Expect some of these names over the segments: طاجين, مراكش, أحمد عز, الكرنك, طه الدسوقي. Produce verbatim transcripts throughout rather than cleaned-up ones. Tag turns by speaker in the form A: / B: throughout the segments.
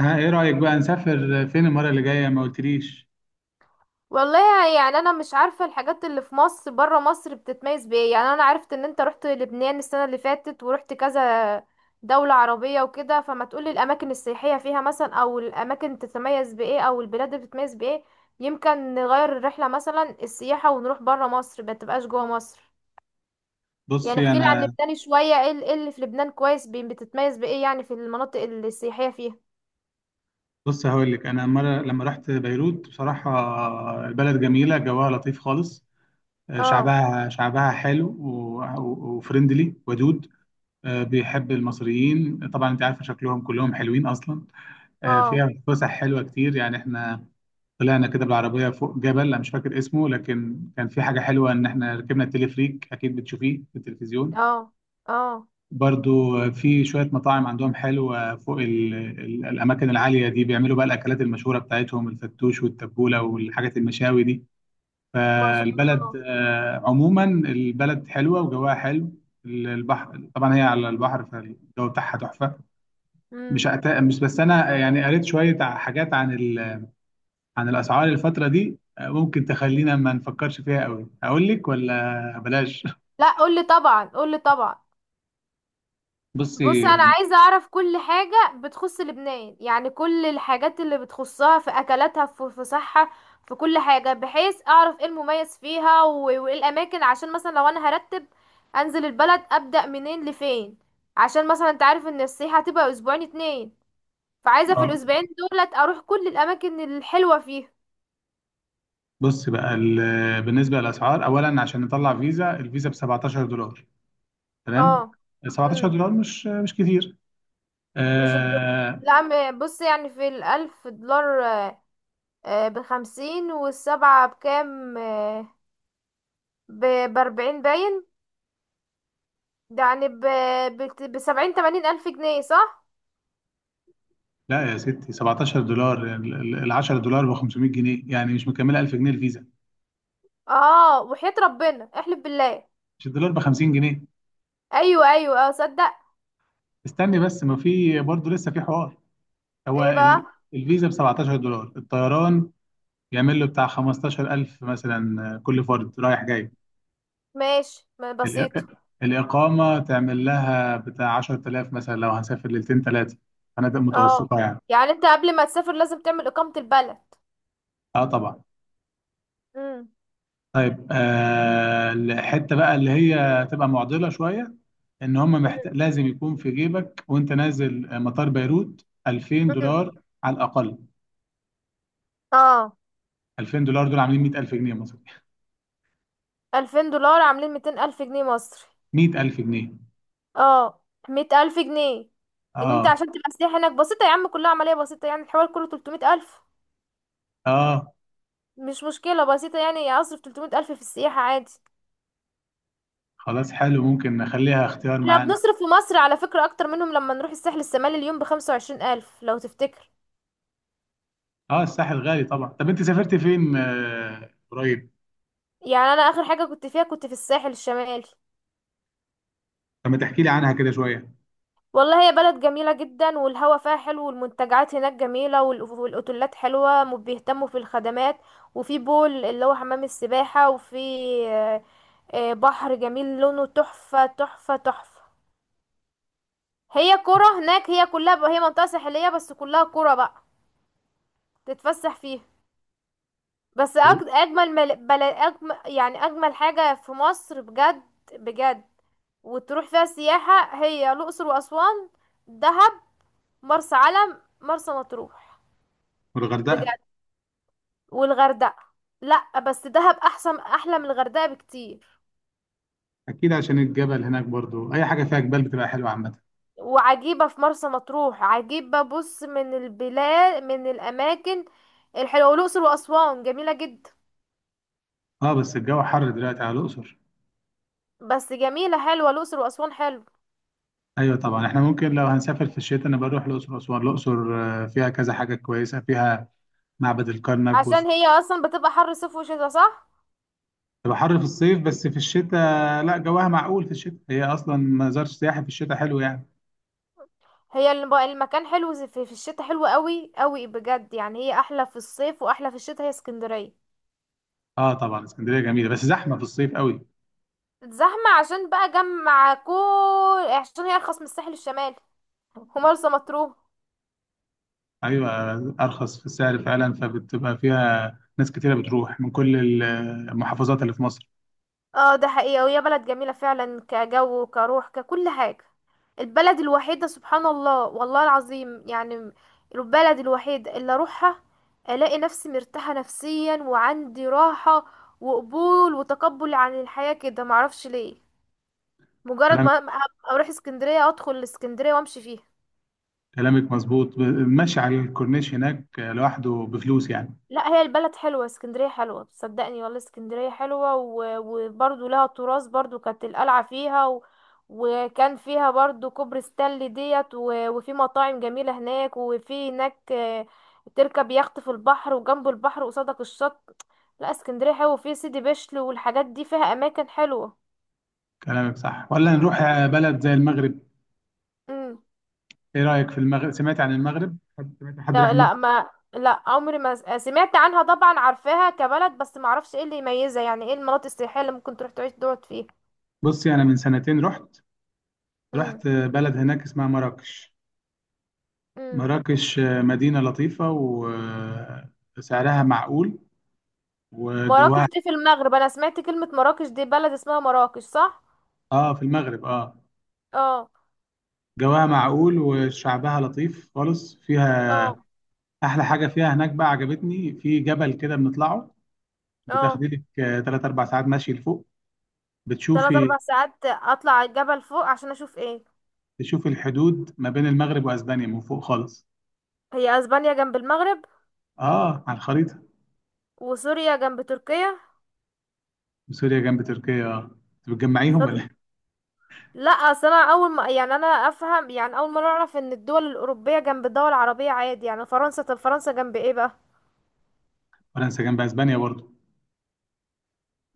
A: ها، ايه رأيك بقى نسافر فين المرة اللي جاية؟ ما قلتليش.
B: والله يعني انا مش عارفه الحاجات اللي في مصر بره مصر بتتميز بايه؟ يعني انا عرفت ان انت رحت لبنان السنه اللي فاتت ورحت كذا دوله عربيه وكده، فما تقولي الاماكن السياحيه فيها مثلا، او الاماكن تتميز بايه، او البلاد اللي بتتميز بايه؟ يمكن نغير الرحله مثلا، السياحه ونروح بره مصر ما تبقاش جوه مصر. يعني
A: بصي
B: احكيلي عن
A: انا
B: لبنان شويه، ايه ال- إيه اللي في لبنان كويس، بي- بتتميز بايه يعني في المناطق السياحيه فيها؟
A: بص هقول لك، انا مرة لما رحت بيروت بصراحة البلد جميلة، جواها لطيف خالص. آه،
B: اه،
A: شعبها شعبها حلو و- وفريندلي ودود. آه، بيحب المصريين، طبعا انت عارفة شكلهم كلهم حلوين اصلا. آه،
B: اه،
A: فيها فسح حلوة كتير، يعني احنا طلعنا كده بالعربية فوق جبل، انا مش فاكر اسمه، لكن كان في حاجة حلوة ان احنا ركبنا التلفريك، اكيد بتشوفيه في التلفزيون.
B: اه، اه،
A: برضو في شوية مطاعم عندهم حلوة فوق ال ال الأماكن العالية دي، بيعملوا بقى الأكلات المشهورة بتاعتهم، الفتوش والتبولة والحاجات المشاوي دي.
B: ما شاء
A: فالبلد،
B: الله.
A: آه، عموما البلد حلوة وجواها حلو. ال- البحر طبعا هي على البحر، فالجو بتاعها تحفة.
B: إمم.
A: مش أت- مش بس أنا، يعني قريت شوية ع- حاجات عن ال عن الأسعار الفترة دي، آه، ممكن تخلينا ما نفكرش فيها قوي. أقول لك ولا بلاش؟
B: لا قولي طبعا، قولي طبعا. بص،
A: بصي.
B: انا عايزه اعرف كل حاجه بتخص لبنان، يعني كل الحاجات اللي بتخصها، في اكلاتها، في في صحه، في كل حاجه، بحيث اعرف ايه المميز فيها، و- وايه الاماكن، عشان مثلا لو انا هرتب انزل البلد ابدا منين لفين، عشان مثلا انت عارف ان السياحه هتبقى اسبوعين اتنين، فعايزه في
A: آه.
B: الاسبوعين دولت اروح كل الاماكن الحلوه فيها.
A: بص بقى، ال- بالنسبه للاسعار، اولا عشان نطلع فيزا، الفيزا ب سبعتاشر دولار.
B: اه.
A: تمام. 17
B: امم
A: دولار مش مش كتير.
B: مش الدولار؟
A: آه.
B: لا، م- بص، يعني في الالف دولار آه بخمسين، والسبعة بكام؟ آه ب- بأربعين باين، ده يعني ب بت- بسبعين تمانين ألف جنيه، صح؟
A: لا يا ستي، سبعتاشر دولار، ال عشرة دولار ب خمسمائة جنيه، يعني مش مكمله ألف جنيه الفيزا.
B: اه، وحياة ربنا احلف بالله.
A: مش الدولار ب خمسين جنيه؟
B: أيوة أيوة، اه، صدق.
A: استني بس، ما في برضه لسه في حوار. هو
B: ايه
A: ال-
B: بقى؟
A: الفيزا ب سبعتاشر دولار، الطيران يعمل له بتاع خمستاشر ألف مثلا، آه، كل فرد رايح جاي.
B: ماشي، ما بسيطة.
A: الإق- الإقامة تعمل لها بتاع عشر آلاف مثلا، لو هنسافر ليلتين ثلاثة. فنادق
B: اه،
A: متوسطة يعني.
B: يعني انت قبل ما تسافر لازم تعمل إقامة البلد.
A: اه طبعا.
B: مم.
A: طيب، آه الحتة بقى اللي هي تبقى معضلة شوية، ان هم محت...
B: مم.
A: لازم يكون في جيبك وانت نازل آه، مطار بيروت 2000
B: مم.
A: دولار على الأقل.
B: اه.
A: ألفين دولار دول عاملين مية ألف جنيه مصري.
B: ألفين دولار عاملين ميتين ألف جنيه مصري.
A: مية ألف جنيه.
B: اه. مية ألف جنيه. ان انت
A: اه.
B: عشان تبقى سياح هناك بسيطة يا عم، كلها عملية بسيطة، يعني الحوار كله تلتمية ألف،
A: اه،
B: مش مشكلة بسيطة، يعني اصرف ثلاثمية ألف في السياحة عادي.
A: خلاص حلو، ممكن نخليها اختيار
B: احنا
A: معانا.
B: بنصرف في مصر على فكرة أكتر منهم لما نروح الساحل الشمالي، اليوم بخمسة وعشرين ألف لو تفتكر.
A: اه الساحل غالي طبعا. طب انت سافرت فين آه قريب؟
B: يعني أنا آخر حاجة كنت فيها كنت في الساحل الشمالي.
A: طب ما تحكي لي عنها كده شوية.
B: والله، هي بلد جميلة جدا، والهوا فيها حلو، والمنتجعات هناك جميلة، وال- والأوتيلات حلوة، وبيهتموا في الخدمات، وفي بول اللي هو حمام السباحة، وفي آه، آه، بحر جميل لونه تحفة تحفة تحفة. هي كرة هناك، هي كلها، هي منطقة ساحلية بس كلها كرة بقى تتفسح فيها. بس أج... اجمل مل... بل... أجمل... يعني اجمل حاجة في مصر بجد، بجد. وتروح فيها سياحة، هي الاقصر واسوان، دهب، مرسى علم، مرسى مطروح،
A: والغردقة.
B: بجد. والغردقة. لا بس دهب احسن، احلى من الغردقة بكتير.
A: أكيد عشان الجبل هناك، برضو أي حاجة فيها جبال بتبقى حلوة عامة.
B: وعجيبة في مرسى مطروح، عجيبة بص من البلاد، من الاماكن الحلوة، والاقصر واسوان جميلة جدا.
A: أه بس الجو حر دلوقتي على الأقصر.
B: بس جميلة، حلوة الاقصر واسوان، حلو.
A: أيوة طبعا، إحنا ممكن لو هنسافر في الشتاء أنا بروح الأقصر وأسوان. الأقصر آه، فيها كذا حاجة كويسة، فيها معبد الكرنك وس-
B: عشان هي اصلا بتبقى حر صيف وشتا، صح؟
A: تبقى حر في الصيف، بس في الشتاء لا، جواها معقول في الشتاء، هي أصلا مزار سياحي، في الشتاء حلو يعني.
B: هي الم- المكان حلو، زي- في في الشتاء حلو قوي قوي بجد، يعني هي احلى في الصيف واحلى في الشتاء، هي اسكندرية.
A: أه طبعا، اسكندرية جميلة بس زحمة في الصيف قوي.
B: زحمة عشان بقى جمع كل، عشان هي ارخص من الساحل الشمالي ومرسى مطروح.
A: أيوة. أرخص في السعر فعلا، فبتبقى فيها ناس كتيرة بتروح من كل المحافظات اللي في مصر.
B: اه ده حقيقة، وهي بلد جميلة فعلا، كجو وكروح ككل حاجة، البلد الوحيدة سبحان الله، والله العظيم يعني البلد الوحيدة اللي اروحها الاقي نفسي مرتاحة نفسيا، وعندي راحة وقبول وتقبل عن الحياة كده، معرفش ليه. مجرد
A: كلام.
B: ما ما اروح اسكندرية، ادخل الاسكندرية وامشي فيها.
A: كلامك مظبوط. ب- ماشي على الكورنيش هناك لوحده بفلوس يعني.
B: لا هي البلد حلوة، اسكندرية حلوة، صدقني والله اسكندرية حلوة، و- وبرضو لها تراث، برضو كانت القلعة فيها، و... وكان فيها برضو كوبري ستانلي ديت، و... وفي مطاعم جميلة هناك، وفي هناك آه، تركب يخت في البحر، وجنب البحر قصادك الشط. لا اسكندرية حلوة، وفي سيدي بشر والحاجات دي، فيها اماكن حلوة.
A: كلامك صح، ولا نروح بلد زي المغرب؟
B: مم.
A: ايه رأيك في المغرب؟ سمعت عن المغرب؟ حد سمعت حد راح
B: لا
A: المغرب؟
B: لا، ما لا عمري ما س- سمعت عنها، طبعا عارفاها كبلد، بس ما اعرفش ايه اللي يميزها، يعني ايه المناطق السياحيه اللي ممكن تروح تعيش تقعد فيها.
A: بصي، انا من سنتين رحت.
B: امم
A: رحت بلد هناك اسمها مراكش.
B: امم
A: مراكش مدينة لطيفة، وسعرها معقول،
B: مراكش
A: وجواها.
B: دي في المغرب، انا سمعت كلمه مراكش دي، بلد اسمها مراكش صح؟
A: اه في المغرب اه.
B: اه.
A: جواها معقول، وشعبها لطيف خالص، فيها
B: اه.
A: احلى حاجة فيها هناك بقى عجبتني، في جبل كده بنطلعه،
B: اه.
A: بتاخدي لك تلات اربع ساعات مشي لفوق.
B: تلات
A: بتشوفي
B: اربع ساعات اطلع على الجبل فوق عشان اشوف ايه؟
A: تشوفي الحدود ما بين المغرب واسبانيا من فوق خالص.
B: هي اسبانيا جنب المغرب؟
A: اه على الخريطه.
B: وسوريا جنب تركيا.
A: سوريا جنب تركيا. آه. انت بتجمعيهم
B: فض...
A: ولا إيه؟
B: لا اصل انا اول ما، يعني انا افهم يعني اول ما اعرف ان الدول الاوروبيه جنب الدول العربيه عادي، يعني فرنسا، طب فرنسا جنب ايه بقى؟
A: فرنسا جنب اسبانيا برضه.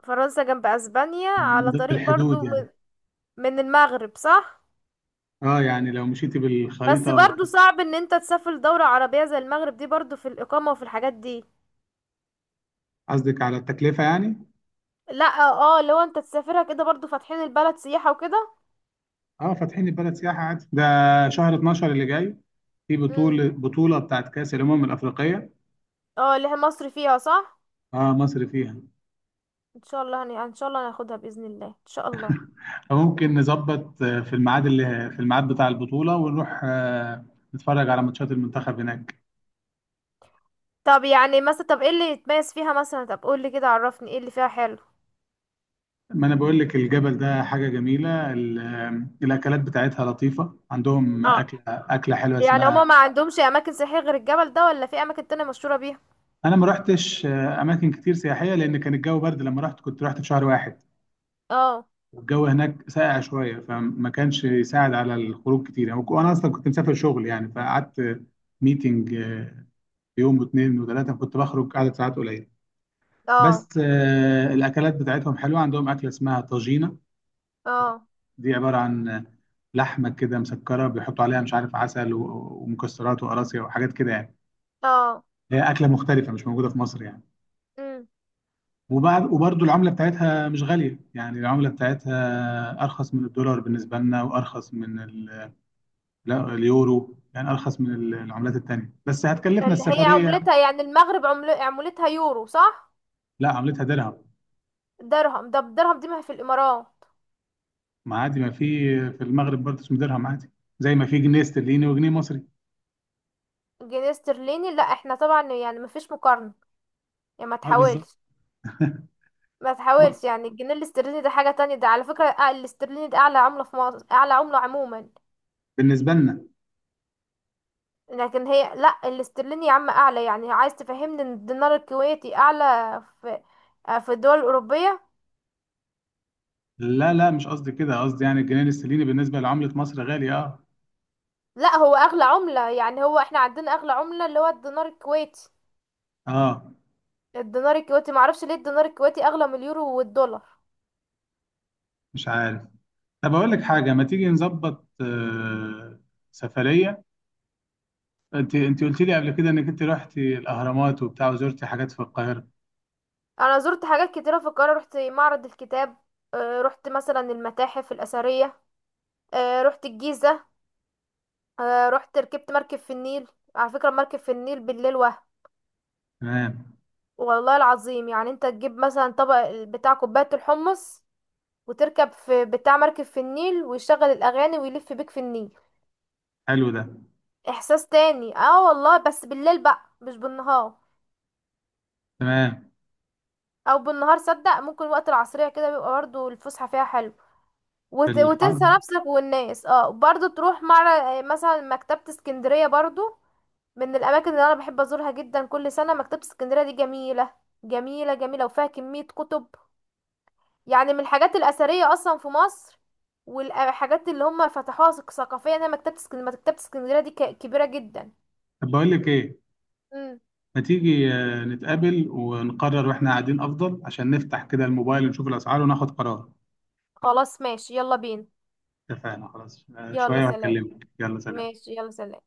B: فرنسا جنب اسبانيا
A: يعني من
B: على
A: ضمن
B: طريق
A: الحدود
B: برضو،
A: يعني.
B: م- من المغرب صح؟
A: اه يعني لو مشيتي
B: بس
A: بالخريطه.
B: برضو صعب ان انت تسافر دولة عربية زي المغرب دي، برضو في الاقامة وفي الحاجات دي.
A: قصدك على التكلفه يعني؟
B: لا اه، لو انت تسافرها كده برضو فاتحين البلد سياحة وكده.
A: اه فاتحين البلد سياحه عادي. ده شهر اتناشر اللي جاي في
B: امم
A: بطوله بطوله بتاعت كاس الامم الافريقيه.
B: اه اللي هي مصر فيها، صح؟
A: اه مصر فيها.
B: ان شاء الله هن... ان شاء الله هناخدها باذن الله ان شاء الله.
A: فممكن نظبط آه، في الميعاد، اللي في الميعاد بتاع البطوله، ونروح آه، نتفرج على ماتشات المنتخب هناك.
B: طب يعني مثلا، طب ايه اللي يتميز فيها مثلا، طب قول لي كده، عرفني ايه اللي فيها حلو.
A: ما انا بقول لك، الجبل ده حاجه جميله، ال- الاكلات بتاعتها لطيفه، عندهم
B: اه.
A: اكله اكله حلوه
B: يعني هما
A: اسمها.
B: ما عندهمش اماكن سياحية غير الجبل ده، ولا في اماكن تانية مشهورة بيها؟
A: انا ما رحتش آه، اماكن كتير سياحيه، لان كان الجو برد لما رحت، كنت رحت في شهر واحد.
B: اه.
A: والجو هناك ساقع شويه، فما كانش يساعد على الخروج كتير يعني، وانا اصلا كنت مسافر شغل يعني، فقعدت ميتنج، آه، يوم واثنين وثلاثه كنت بخرج عدد ساعات قليله.
B: اه.
A: بس آه، الاكلات بتاعتهم حلوه، عندهم اكله اسمها طاجينه،
B: اه.
A: دي عبارة عن لحمة كده مسكرة بيحطوا عليها مش عارف عسل و- ومكسرات وقراصية وحاجات كده يعني.
B: اه.
A: هي أكلة مختلفة مش موجودة في مصر يعني.
B: مم.
A: وبعد وبرضو العملة بتاعتها مش غالية يعني، العملة بتاعتها أرخص من الدولار بالنسبة لنا، وأرخص من ال- لا، اليورو يعني، أرخص من ال- العملات التانية، بس هتكلفنا
B: اللي هي
A: السفرية.
B: عملتها يعني المغرب عمل... عملتها يورو صح؟
A: لا عملتها درهم.
B: درهم؟ ده بالدرهم دي ما هي في الامارات؟
A: ما عادي، ما في، في المغرب برضه اسمه درهم عادي، زي ما في جنيه استرليني وجنيه مصري.
B: جنيه استرليني، لا احنا طبعا يعني ما فيش مقارنة، يعني ما
A: اه بالظبط.
B: تحاولش. ما تحاولش، يعني الجنيه الاسترليني ده حاجة تانية، ده على فكرة أع- الاسترليني ده اعلى عملة في مصر، اعلى عملة عموما.
A: بالنسبة لنا.
B: لكن هي، لا الاسترليني يا عم اعلى، يعني عايز تفهمني ان الدينار الكويتي اعلى في آه، في الدول الاوروبية؟
A: لا لا مش قصدي كده، قصدي يعني الجنيه الاسترليني بالنسبة لعملة مصر غالي، اه.
B: لا هو اغلى عملة، يعني هو احنا عندنا اغلى عملة اللي هو الدينار الكويتي.
A: اه.
B: الدينار الكويتي معرفش ليه الدينار الكويتي اغلى من اليورو والدولار.
A: مش عارف. طب اقول لك حاجة، ما تيجي نظبط آه سفرية، انت انت قلت لي قبل كده انك انت رحتي الاهرامات وبتاع، وزرتي حاجات في القاهرة.
B: انا زرت حاجات كتيره في القاهره، رحت معرض الكتاب، آه، رحت مثلا المتاحف الاثريه، آه، رحت الجيزه، آه، رحت ركبت مركب في النيل. على فكره مركب في النيل بالليل وهم،
A: تمام.
B: والله العظيم يعني انت تجيب مثلا طبق ال- بتاع كوبايه الحمص، وتركب في بتاع مركب في النيل، ويشغل الاغاني ويلف بيك في النيل،
A: حلو ده.
B: احساس تاني. اه والله بس بالليل بقى، مش بالنهار.
A: تمام.
B: او بالنهار صدق، ممكن وقت العصريه كده بيبقى برضه الفسحه فيها حلو،
A: في
B: وت... وتنسى
A: الحرب.
B: نفسك والناس. اه، برضو تروح مع مثلا مكتبة اسكندرية، برضو من الاماكن اللي انا بحب ازورها جدا كل سنة، مكتبة اسكندرية دي جميلة، جميلة، جميلة، وفيها كمية كتب، يعني من الحاجات الاثرية اصلا في مصر، والحاجات اللي هم فتحوها ثق- ثقافيا، هي مكتبة اسكندرية، مكتبة اسكندرية دي ك... كبيرة جدا.
A: طب بقول لك ايه،
B: مم.
A: ما تيجي آه، نتقابل ونقرر واحنا قاعدين، افضل عشان نفتح كده الموبايل ونشوف الاسعار وناخد قرار.
B: خلاص ماشي يلا بينا.
A: اتفقنا خلاص، آه،
B: يلا
A: شوية
B: سلام.
A: وهكلمك. يلا سلام.
B: ماشي يلا سلام.